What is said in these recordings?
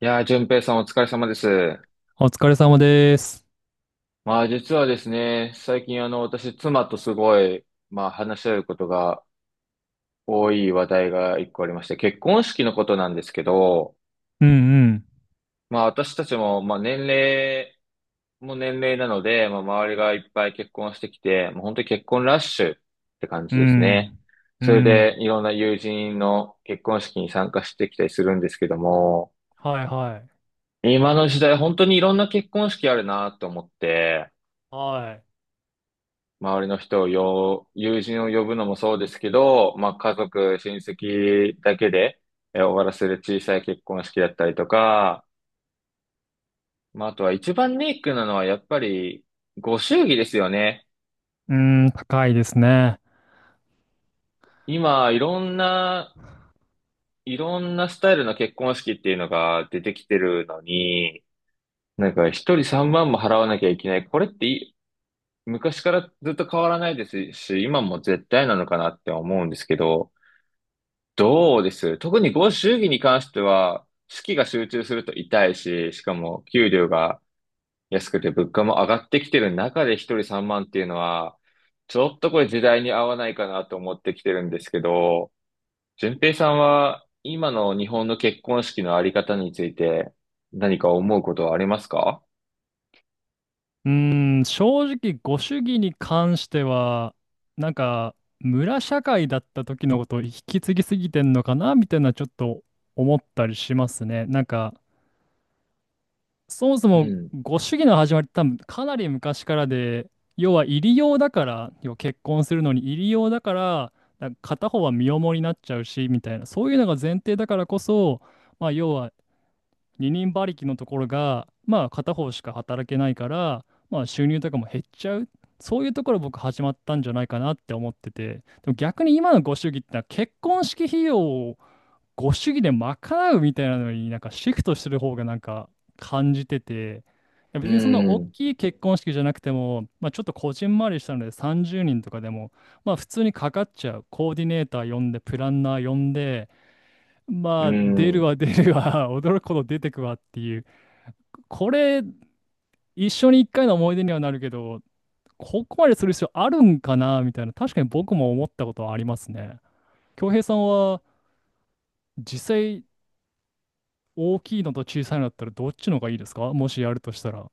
いやー、淳平さんお疲れ様です。お疲れ様です。まあ実はですね、最近私妻とすごい、まあ話し合うことが多い話題が一個ありまして、結婚式のことなんですけど、うんまあ私たちも、まあ年齢も年齢なので、まあ周りがいっぱい結婚してきて、もう本当に結婚ラッシュって感うじですね。ん。うそれん。うでん。いろんな友人の結婚式に参加してきたりするんですけども、はいはい。今の時代本当にいろんな結婚式あるなと思って、はい。周りの人をよ、友人を呼ぶのもそうですけど、まあ家族、親戚だけで終わらせる小さい結婚式だったりとか、まああとは一番ネックなのはやっぱりご祝儀ですよね。うん、高いですね。今いろんなスタイルの結婚式っていうのが出てきてるのに、なんか一人3万も払わなきゃいけない。これって昔からずっと変わらないですし、今も絶対なのかなって思うんですけど、どうです、特にご祝儀に関しては、資金が集中すると痛いし、しかも給料が安くて物価も上がってきてる中で一人三万っていうのは、ちょっとこれ時代に合わないかなと思ってきてるんですけど、順平さんは今の日本の結婚式のあり方について何か思うことはありますか？うん、正直、ご主義に関しては、村社会だった時のことを引き継ぎすぎてんのかなみたいな、ちょっと思ったりしますね。そもそうもん、ご主義の始まりって多分かなり昔からで、要は入り用だから、要は結婚するのに入り用だから、なんか片方は身重になっちゃうし、みたいな、そういうのが前提だからこそ、まあ要は二人馬力のところが、まあ片方しか働けないから、まあ収入とかも減っちゃう。そういうところ僕始まったんじゃないかなって思ってて、でも逆に今のご主義ってのは結婚式費用をご主義で賄うみたいなのになんかシフトしてる方がなんか感じてて、いやう別にそんな大ん、きい結婚式じゃなくても、まあ、ちょっとこじんまりしたので30人とかでも、まあ普通にかかっちゃう。コーディネーター呼んで、プランナー呼んで、うまあ出るん。わ出るわ、驚くほど出てくわっていう。これ、一緒に一回の思い出にはなるけど、ここまでする必要あるんかなみたいな、確かに僕も思ったことはありますね。恭平さんは実際大きいのと小さいのだったらどっちの方がいいですか？もしやるとしたら。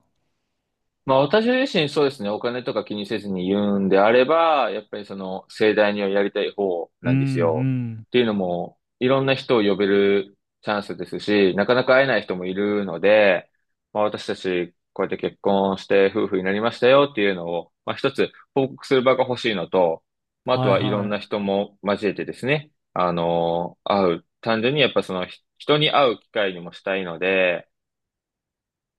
まあ私自身そうですね、お金とか気にせずに言うんであれば、やっぱりその盛大にはやりたい方うなんうんですよ。ん。っていうのも、いろんな人を呼べるチャンスですし、なかなか会えない人もいるので、まあ私たちこうやって結婚して夫婦になりましたよっていうのを、まあ一つ報告する場が欲しいのと、まああとはいはいろんはない。人も交えてですね、会う。単純にやっぱその人に会う機会にもしたいので、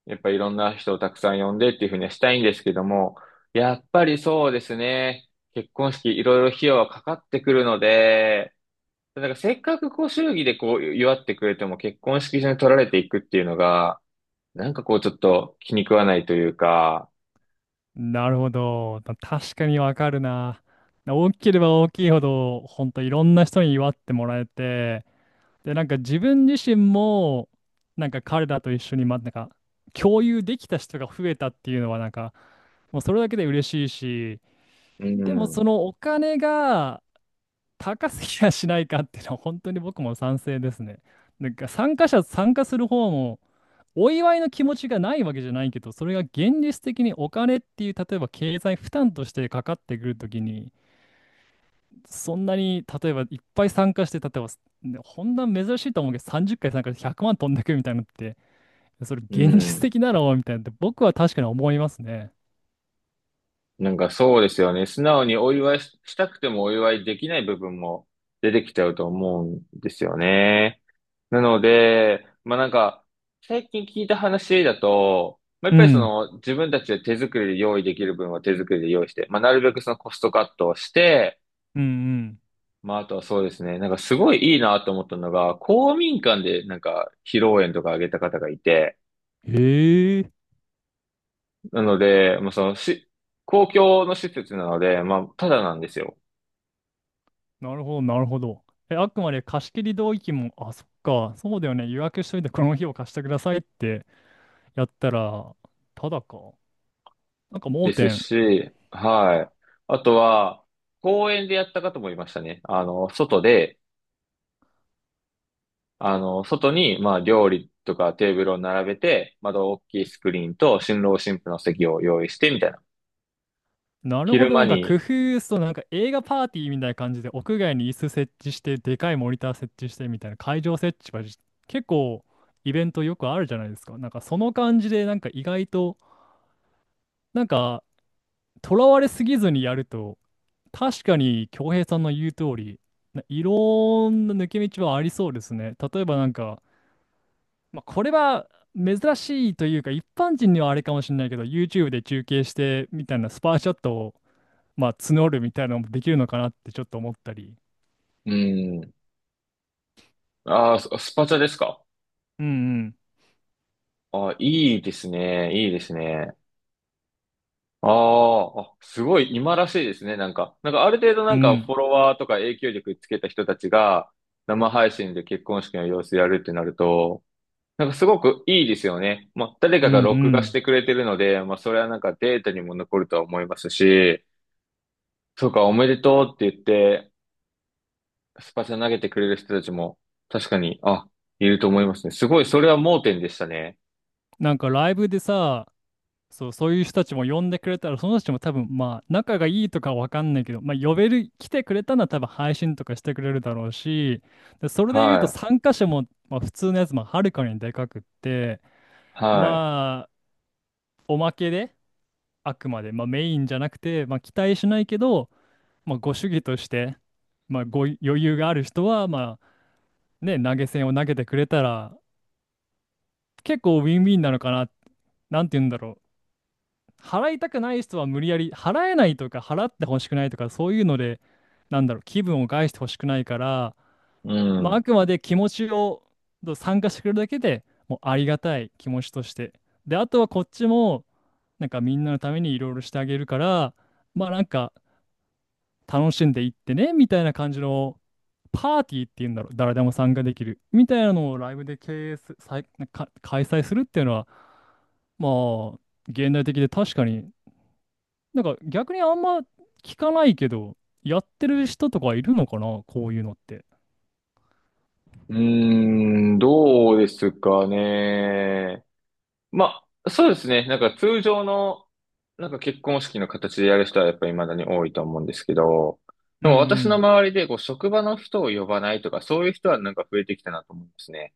やっぱいろんな人をたくさん呼んでっていうふうにはしたいんですけども、やっぱりそうですね。結婚式いろいろ費用はかかってくるので、なんかせっかくこう祝儀でこう祝ってくれても結婚式場に取られていくっていうのが、なんかこうちょっと気に食わないというか、なるほど。確かにわかるな。大きければ大きいほど、ほんといろんな人に祝ってもらえて、で、なんか自分自身も、なんか彼らと一緒に、ま、なんか共有できた人が増えたっていうのは、なんか、もうそれだけで嬉しいし、うでもん、そのお金が、高すぎやしないかっていうのは本当に僕も賛成ですね。参加する方もお祝いの気持ちがないわけじゃないけど、それが現実的にお金っていう、例えば経済負担としてかかってくるときに、そんなに例えばいっぱい参加して、例えば、ねほんな珍しいと思うけど、30回参加して100万飛んでくみたいなのって、それう現実ん。的だろうみたいなって僕は確かに思いますね。なんかそうですよね。素直にお祝いししたくてもお祝いできない部分も出てきちゃうと思うんですよね。なので、まあなんか、最近聞いた話だと、まあやっうぱりそん、の自分たちで手作りで用意できる分は手作りで用意して、まあなるべくそのコストカットをして、うん、うん。まああとはそうですね、なんかすごいいいなと思ったのが、公民館でなんか披露宴とかあげた方がいて、へえ、なので、まあその公共の施設なので、まあただなんですよ。なるほど、なるほど。え、あくまで貸し切り同意見も、あ、そっか、そうだよね、予約しといてこの日を貸してくださいってやったら、ただか。なんか盲です点。し、はい。あとは、公園でやった方もいましたね。外で、外に、まあ、料理とかテーブルを並べて、窓大きいスクリーンと、新郎新婦の席を用意して、みたいな。なるほ昼ど、間なんか工に、夫そう、なんか映画パーティーみたいな感じで、屋外に椅子設置して、でかいモニター設置してみたいな、会場設置はじ結構イベントよくあるじゃないですか。なんかその感じで、なんか意外と、なんか、とらわれすぎずにやると、確かに、恭平さんの言う通り、いろんな抜け道はありそうですね。例えばなんか、まあ、これは珍しいというか、一般人にはあれかもしれないけど、YouTube で中継してみたいなスパーシャットを、まあ、募るみたいなのもできるのかなってちょっと思ったり。うん。ああ、スパチャですか？うんうん。ああ、いいですね。いいですね。ああ、すごい今らしいですね。なんか、なんかある程度うなんかんフォロワーとか影響力つけた人たちが生配信で結婚式の様子やるってなると、なんかすごくいいですよね。まあ、誰うんかがう録画しん。てくれてるので、まあ、それはなんかデータにも残るとは思いますし、そうか、おめでとうって言って、スパチャ投げてくれる人たちも、確かに、あ、いると思いますね。すごい、それは盲点でしたね。なんかライブでさ、そう、そういう人たちも呼んでくれたら、その人たちも多分、まあ、仲がいいとかわかんないけど、まあ、呼べる、来てくれたのは多分配信とかしてくれるだろうし、で、それで言うはとい、参加者も、まあ、普通のやつもはるかにでかくって、はい、まあ、おまけで、あくまで、まあ、メインじゃなくて、まあ、期待しないけど、まあ、ご主義として、まあ、ご余裕がある人は、まあ、ね、投げ銭を投げてくれたら、結構ウィンウィンなのかな、なんて言うんだろう。払いたくない人は無理やり払えないとか払ってほしくないとかそういうので、なんだろう、気分を害してほしくないから、うまあ、あん。くまで気持ちを参加してくれるだけでもうありがたい気持ちとして、であとはこっちもなんかみんなのためにいろいろしてあげるから、まあなんか楽しんでいってねみたいな感じのパーティーっていうんだろう、誰でも参加できるみたいなのをライブで経営す、さい、か開催するっていうのは、まあ現代的で確かになんか逆にあんま聞かないけど、やってる人とかいるのかな、こういうのって。うーん、どうですかね。まあ、そうですね。なんか通常の、なんか結婚式の形でやる人はやっぱり未だに多いと思うんですけど、うでんうも私のん。周りで、こう、職場の人を呼ばないとか、そういう人はなんか増えてきたなと思うんですね。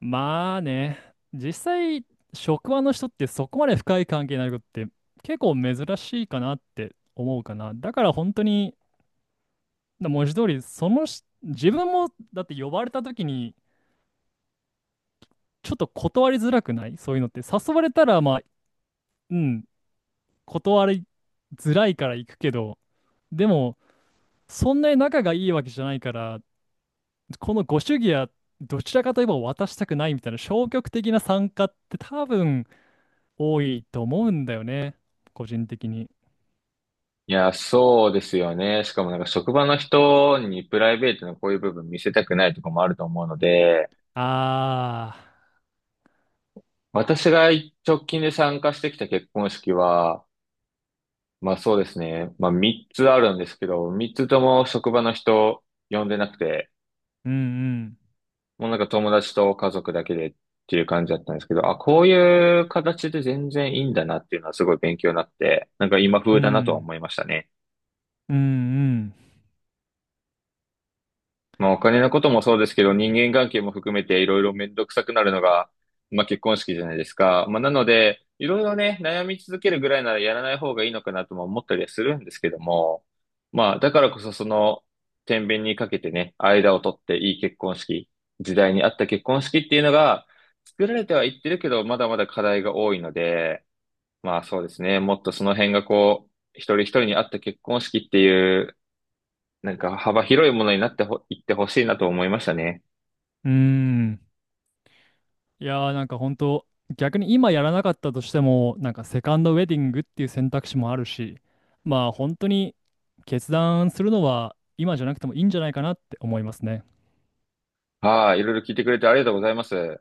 まあね、実際、職場の人ってそこまで深い関係になることって結構珍しいかなって思うかな。だから本当に文字通り、そのし、自分も、だって呼ばれた時に、ちょっと断りづらくない？そういうのって。誘われたら、まあ、うん、断りづらいから行くけど、でも、そんなに仲がいいわけじゃないから、このご主義は、どちらかといえば渡したくないみたいな消極的な参加って多分多いと思うんだよね。個人的に。いや、そうですよね。しかもなんか職場の人にプライベートのこういう部分見せたくないとかもあると思うので、ああ、私が直近で参加してきた結婚式は、まあそうですね。まあ3つあるんですけど、3つとも職場の人呼んでなくて、うんもうなんか友達と家族だけでっていう感じだったんですけど、あ、こういう形で全然いいんだなっていうのはすごい勉強になって、なんか今う風ん、うだなとはん、思いましたね。うんまあ、お金のこともそうですけど、人間関係も含めていろいろめんどくさくなるのが、まあ、結婚式じゃないですか。まあ、なので、いろいろね、悩み続けるぐらいならやらない方がいいのかなとも思ったりはするんですけども、まあ、だからこそその、天秤にかけてね、間を取っていい結婚式、時代に合った結婚式っていうのが、作られてはいってるけど、まだまだ課題が多いので、まあそうですね、もっとその辺がこう、一人一人に合った結婚式っていうなんか幅広いものになっていってほしいなと思いましたね。うん、うん。いやーなんか本当、逆に今やらなかったとしてもなんかセカンドウェディングっていう選択肢もあるし、まあ本当に決断するのは今じゃなくてもいいんじゃないかなって思いますね。はい、いろいろ聞いてくれてありがとうございます。